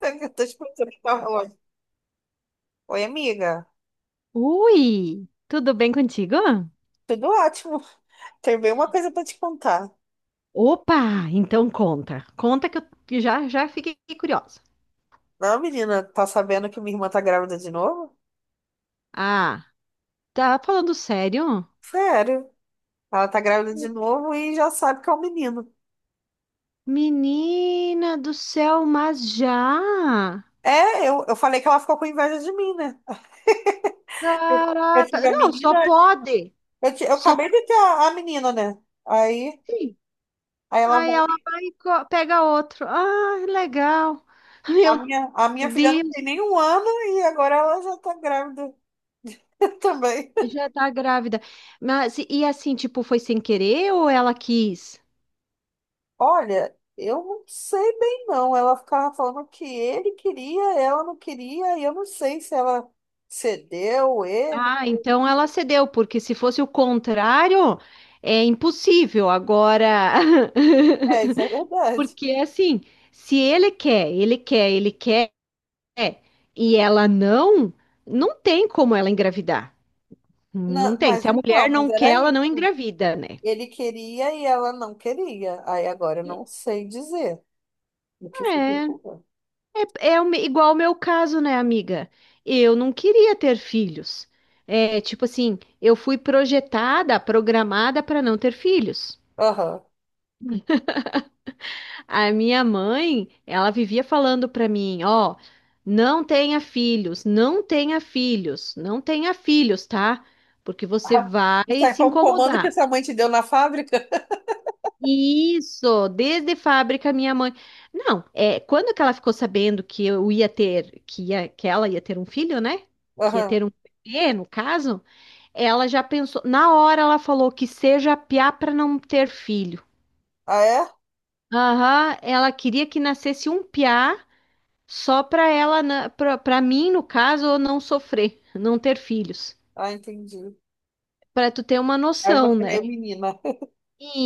Eu tô te o que tava falando. Oi, amiga. Ui, tudo bem contigo? Tudo ótimo. Tem bem uma coisa pra te contar. Opa, então conta. Conta que eu que já fiquei curiosa. Não, menina, tá sabendo que minha irmã tá grávida de novo? Ah, tá falando sério? Sério. Ela tá grávida de novo e já sabe que é um menino. Menina do céu, mas já? É, eu falei que ela ficou com inveja de mim, né? Eu eu tive Caraca, a não, só menina. pode. Eu Só acabei de ter a menina, né? Aí, pode. aí ela Aí ela vai. vai e pega outro. Ah, legal. A Meu minha, a minha filha não Deus, tem nem um ano e agora ela já tá grávida também. já tá grávida. Mas e assim, tipo, foi sem querer ou ela quis? Olha, eu não sei bem não. Ela ficava falando que ele queria, ela não queria, e eu não sei se ela cedeu ele. Ah, então ela cedeu, porque se fosse o contrário, é impossível. Agora, É, isso é verdade. porque assim, se ele quer, ele quer, ele quer, e ela não, não tem como ela engravidar. Não Não, tem. Se mas a então, mulher mas não quer, era ela não isso. engravida, né? Ele queria e ela não queria. Aí agora eu não sei dizer o que foi que É, aconteceu. é, é o igual o meu caso, né, amiga? Eu não queria ter filhos. É, tipo assim, eu fui projetada, programada para não ter filhos. Aham. A minha mãe, ela vivia falando para mim, ó, não tenha filhos, não tenha filhos, não tenha filhos, tá? Porque você Ah, vai isso aí se foi um comando que incomodar. sua mãe te deu na fábrica? Isso, desde fábrica, minha mãe. Não, é, quando que ela ficou sabendo que eu ia ter, que ela ia ter um filho, né? Que ia ter Aham. um bebê, no caso, ela já pensou, na hora ela falou que seja piá para não ter filho. Ah, é? Aham, ela queria que nascesse um piá. Só para ela, para mim, no caso, eu não sofrer, não ter filhos. Ah, entendi. Para tu ter uma Aí noção, você né? veio menina.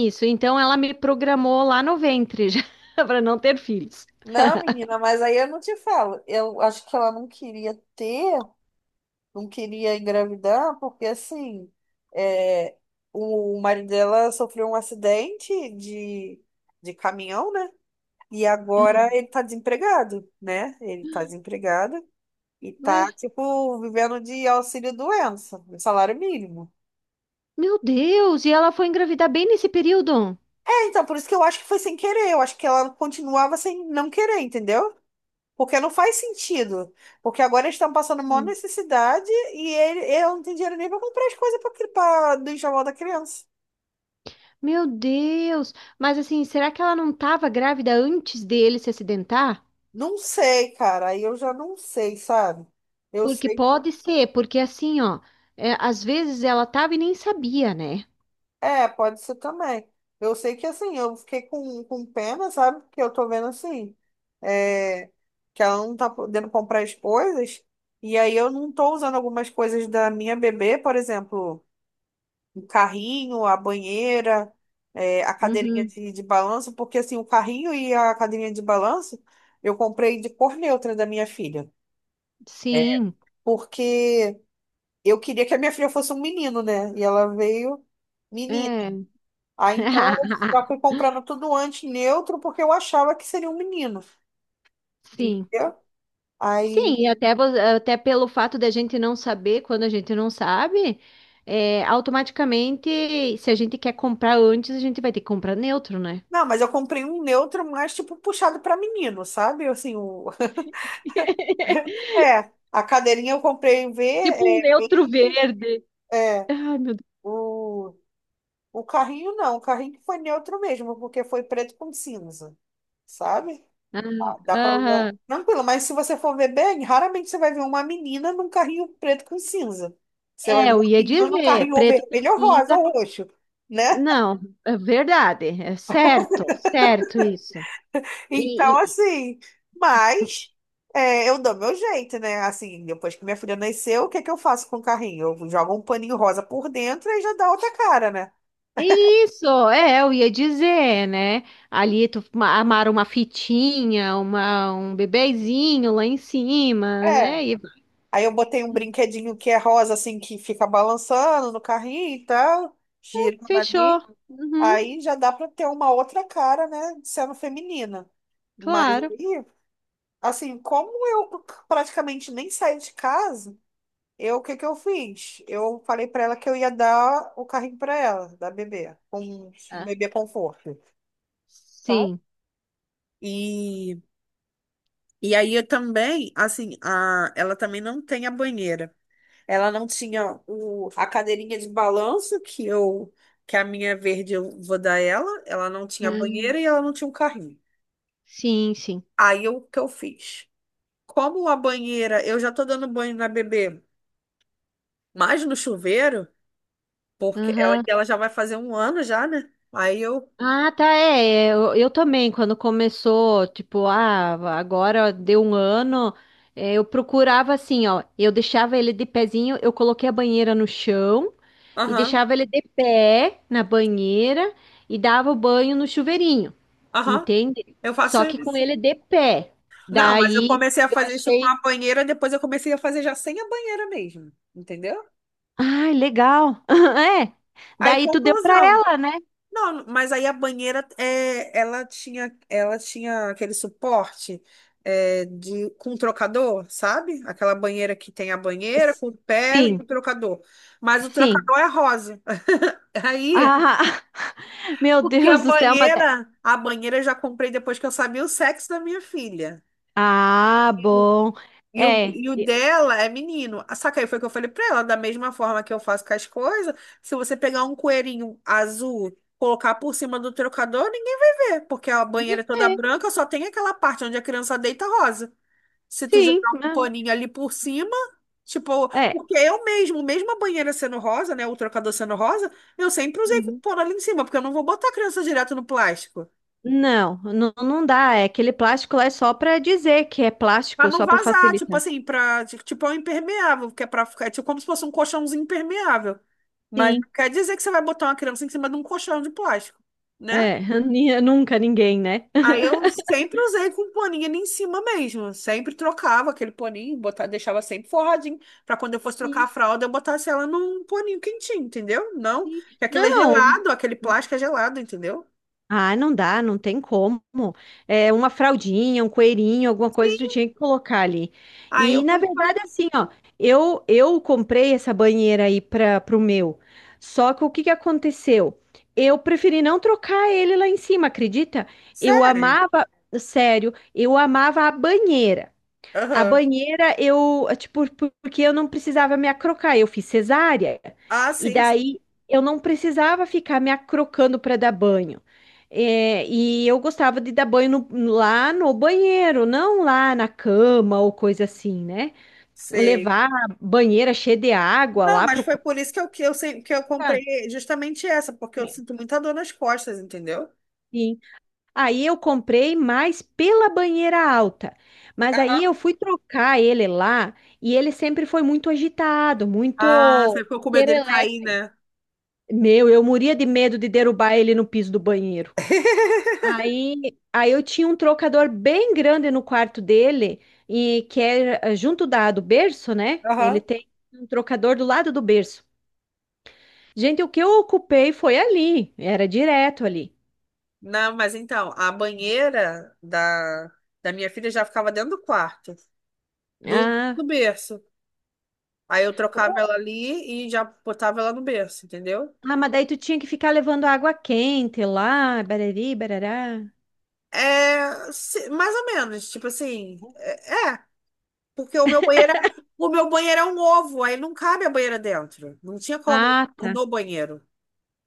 Isso, então ela me programou lá no ventre já para não ter filhos. Não, menina, mas aí eu não te falo. Eu acho que ela não queria ter, não queria engravidar, porque assim, é, o marido dela sofreu um acidente de caminhão, né? E agora ele tá desempregado, né? Ele tá desempregado e Ué, tá, tipo, vivendo de auxílio-doença, de salário mínimo. meu Deus, e ela foi engravidar bem nesse período? É, então, por isso que eu acho que foi sem querer. Eu acho que ela continuava sem não querer, entendeu? Porque não faz sentido. Porque agora eles estão passando maior Hum. necessidade e ele, eu não tenho dinheiro nem para comprar as coisas para do enxoval da criança. Meu Deus, mas assim, será que ela não estava grávida antes dele se acidentar? Não sei, cara. Aí eu já não sei, sabe? Eu Porque sei. pode ser, porque assim, ó, é, às vezes ela tava e nem sabia, né? É, pode ser também. Eu sei que assim, eu fiquei com pena, sabe? Porque eu tô vendo assim, é, que ela não tá podendo comprar as coisas. E aí eu não tô usando algumas coisas da minha bebê, por exemplo. O carrinho, a banheira, a cadeirinha Uhum. de balanço, porque assim, o carrinho e a cadeirinha de balanço eu comprei de cor neutra da minha filha. É, Sim, porque eu queria que a minha filha fosse um menino, né? E ela veio menina. é. Aí então eu já fui comprando tudo antes neutro, porque eu achava que seria um menino, Sim. entendeu? Sim, Aí, e até, até pelo fato da gente não saber, quando a gente não sabe, é, automaticamente, se a gente quer comprar antes, a gente vai ter que comprar neutro, né? não, mas eu comprei um neutro mais tipo puxado para menino, sabe? Assim, o... É, a cadeirinha eu comprei em Tipo um neutro verde, verde. é. Ai, meu Deus. O, o carrinho não, o carrinho que foi neutro mesmo, porque foi preto com cinza, sabe? Ah, Ah, dá pra usar aham. tranquilo, mas se você for ver bem, raramente você vai ver uma menina num carrinho preto com cinza. Você vai É, ver eu uma ia menina num dizer, carrinho ou preto com vermelho ou rosa cinza. ou roxo, né? Não, é verdade, é certo, certo isso. Então, E, assim, mas é, eu dou meu jeito, né? Assim, depois que minha filha nasceu, o que é que eu faço com o carrinho? Eu jogo um paninho rosa por dentro e já dá outra cara, né? isso, é, eu ia dizer, né? Ali tu amarra uma fitinha, uma, um bebezinho lá em cima, É, né? E aí eu botei um brinquedinho que é rosa, assim, que fica balançando no carrinho e tal, girando fechou. ali. Uhum, Aí já dá para ter uma outra cara, né, sendo feminina. Mas claro. aí, assim, como eu praticamente nem saí de casa, eu, o que que eu fiz? Eu falei para ela que eu ia dar o carrinho para ela, da bebê, com um Ah, bebê conforto, tá? sim. E, e aí eu também, assim, a, ela também não tem a banheira. Ela não tinha a cadeirinha de balanço que eu que a minha verde eu vou dar ela. Ela não tinha Ah, banheira e ela não tinha um carrinho. sim, sim. Aí o que eu fiz? Como a banheira, eu já tô dando banho na bebê, mas no chuveiro, porque ela, Aham. ela já vai fazer um ano já, né? Aí eu, Ah, tá, é. É, eu também, quando começou, tipo, ah, agora deu um ano, é, eu procurava assim, ó. Eu deixava ele de pezinho, eu coloquei a banheira no chão, e aham, deixava ele de pé na banheira e dava o banho no chuveirinho, aham, entende? eu faço Só que com isso. ele de pé. Não, mas eu Daí comecei a eu fazer isso com achei, a banheira, depois eu comecei a fazer já sem a banheira mesmo, entendeu? ai, legal. É. Aí, Daí tu deu pra conclusão. ela, né? Não, mas aí a banheira, é, ela tinha aquele suporte com trocador, sabe? Aquela banheira que tem a banheira com o pé Sim, e o trocador. Mas o sim. trocador é rosa. Aí, Ah, meu porque Deus do céu, mas... é. A banheira eu já comprei depois que eu sabia o sexo da minha filha. Ah, bom. E o, É. e o dela é menino. Ah, só que aí foi o que eu falei pra ela, da mesma forma que eu faço com as coisas, se você pegar um coelhinho azul, colocar por cima do trocador, ninguém vai ver, porque a banheira é toda É, branca, só tem aquela parte onde a criança deita rosa. Se tu sim, jogar um mas... paninho ali por cima, tipo, é. porque eu mesmo, mesmo a banheira sendo rosa, né, o trocador sendo rosa, eu sempre usei Uhum. pano ali em cima, porque eu não vou botar a criança direto no plástico. Não, não, não dá. É, aquele plástico lá é só para dizer que é Pra plástico, não só para vazar, tipo facilitar. assim, pra, tipo, é um impermeável, que é pra ficar, é tipo como se fosse um colchãozinho impermeável. Mas Sim. não quer dizer que você vai botar uma criança em cima de um colchão de plástico, né? É, nunca ninguém, né? Aí eu sempre usei com paninho ali em cima mesmo. Sempre trocava aquele paninho, botava, deixava sempre forradinho, pra quando eu fosse trocar a Sim, fralda, eu botasse ela num paninho quentinho, entendeu? Não, sim. que aquilo é Não. gelado, aquele plástico é gelado, entendeu? Ah, não dá, não tem como. É uma fraldinha, um coelhinho, alguma coisa tu tinha que colocar ali. Aí E eu na fui e falei, verdade, assim, ó, eu comprei essa banheira aí para pro meu. Só que o que que aconteceu? Eu preferi não trocar ele lá em cima, acredita? Eu sério? amava, sério, eu amava a banheira. A Aham. banheira, eu, tipo, porque eu não precisava me acrocar, eu fiz cesárea. Ah, E sim, sim. daí eu não precisava ficar me acrocando para dar banho. É, e eu gostava de dar banho lá no banheiro, não lá na cama ou coisa assim, né? Sei. Levar a banheira cheia de água Não, lá mas pro foi por isso que eu quarto. comprei justamente essa, porque eu sinto muita dor nas costas, entendeu? Aí eu comprei mais pela banheira alta. Mas daí Aham. eu fui trocar ele lá e ele sempre foi muito agitado, Ah, você muito ficou com medo dele cair, perelépico. né? Meu, eu morria de medo de derrubar ele no piso do banheiro. Aí eu tinha um trocador bem grande no quarto dele e que é eh, junto da do berço, né? Ele Aham. tem um trocador do lado do berço. Gente, o que eu ocupei foi ali, era direto ali. Não, mas então, a banheira da minha filha já ficava dentro do quarto, do, Ah, do berço. Aí eu trocava ela ali e já botava ela no berço, entendeu? ah, mas daí tu tinha que ficar levando água quente lá, barari, barará. É, se- mais ou menos, tipo assim, é, é. Porque o meu banheiro, é- o meu banheiro é um ovo, aí não cabe a banheira dentro. Não tinha como Ah, pôr tá. no banheiro,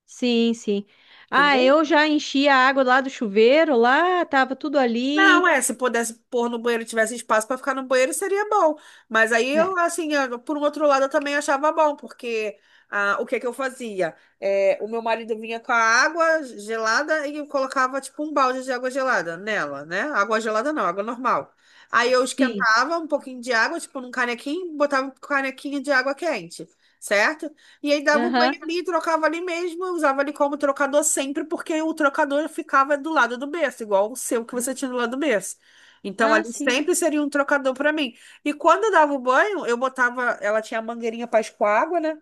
Sim, sim. Ah, entendeu? eu já enchi a água lá do chuveiro, lá, tava tudo ali. Não, é, se pudesse pôr no banheiro, e tivesse espaço para ficar no banheiro, seria bom. Mas aí É. eu, assim, eu- por um outro lado, eu também achava bom, porque ah, o que que eu fazia? É, o meu marido vinha com a água gelada e eu colocava, tipo, um balde de água gelada nela, né? Água gelada não, água normal. Aí eu Sim. esquentava um pouquinho de água, tipo, num canequinho, botava um canequinho de água quente, certo? E aí dava o banho Aham. ali, trocava ali mesmo, eu usava ali como trocador sempre, porque o trocador ficava do lado do berço, igual o seu que você tinha do lado do berço. Então Ah, ali sim. sempre seria um trocador para mim. E quando eu dava o banho, eu botava, ela tinha a mangueirinha para escoar água, né?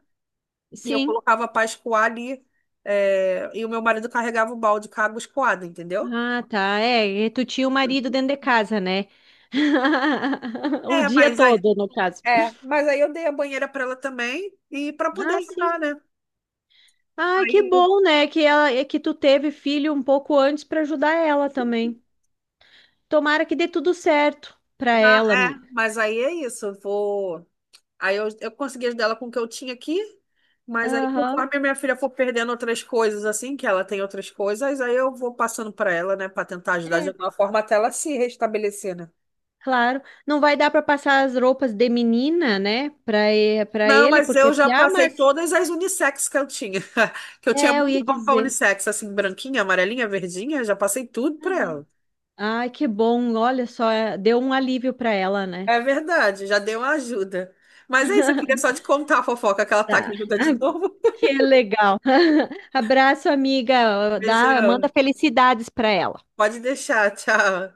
E eu Sim. colocava para escoar ali, e o meu marido carregava o balde com a água escoada, entendeu? Ah, tá. É, e tu tinha o marido dentro de casa, né? O É, dia mas aí, todo, no caso. é, mas aí eu dei a banheira para ela também e para poder Ah, sim. ajudar, né? Ah, que Aí, eu- bom, né? Que ela, é que tu teve filho um pouco antes para ajudar ela também. Tomara que dê tudo certo pra na- ela, é, amiga. mas aí é isso, eu vou Aí eu consegui ajudar ela com o que eu tinha aqui, mas aí Aham. conforme a minha filha for perdendo outras coisas, assim, que ela tem outras coisas, aí eu vou passando para ela, né, para tentar ajudar de É, alguma forma até ela se restabelecer, né? claro. Não vai dar pra passar as roupas de menina, né, pra para Não, ele, mas porque é eu já piá, passei mas todas as unissex que eu tinha. Que eu tinha é, eu muita ia roupa dizer. unissex, assim, branquinha, amarelinha, verdinha, já passei tudo para Aham. ela. Ai, que bom. Olha só, é, deu um alívio pra ela, né? É verdade, já deu uma ajuda. Mas é isso, eu queria só te contar a fofoca que ela tá aqui Tá. ajuda de novo. Que legal. Abraço, amiga. Dá, Beijão. manda felicidades pra ela. Pode deixar, tchau.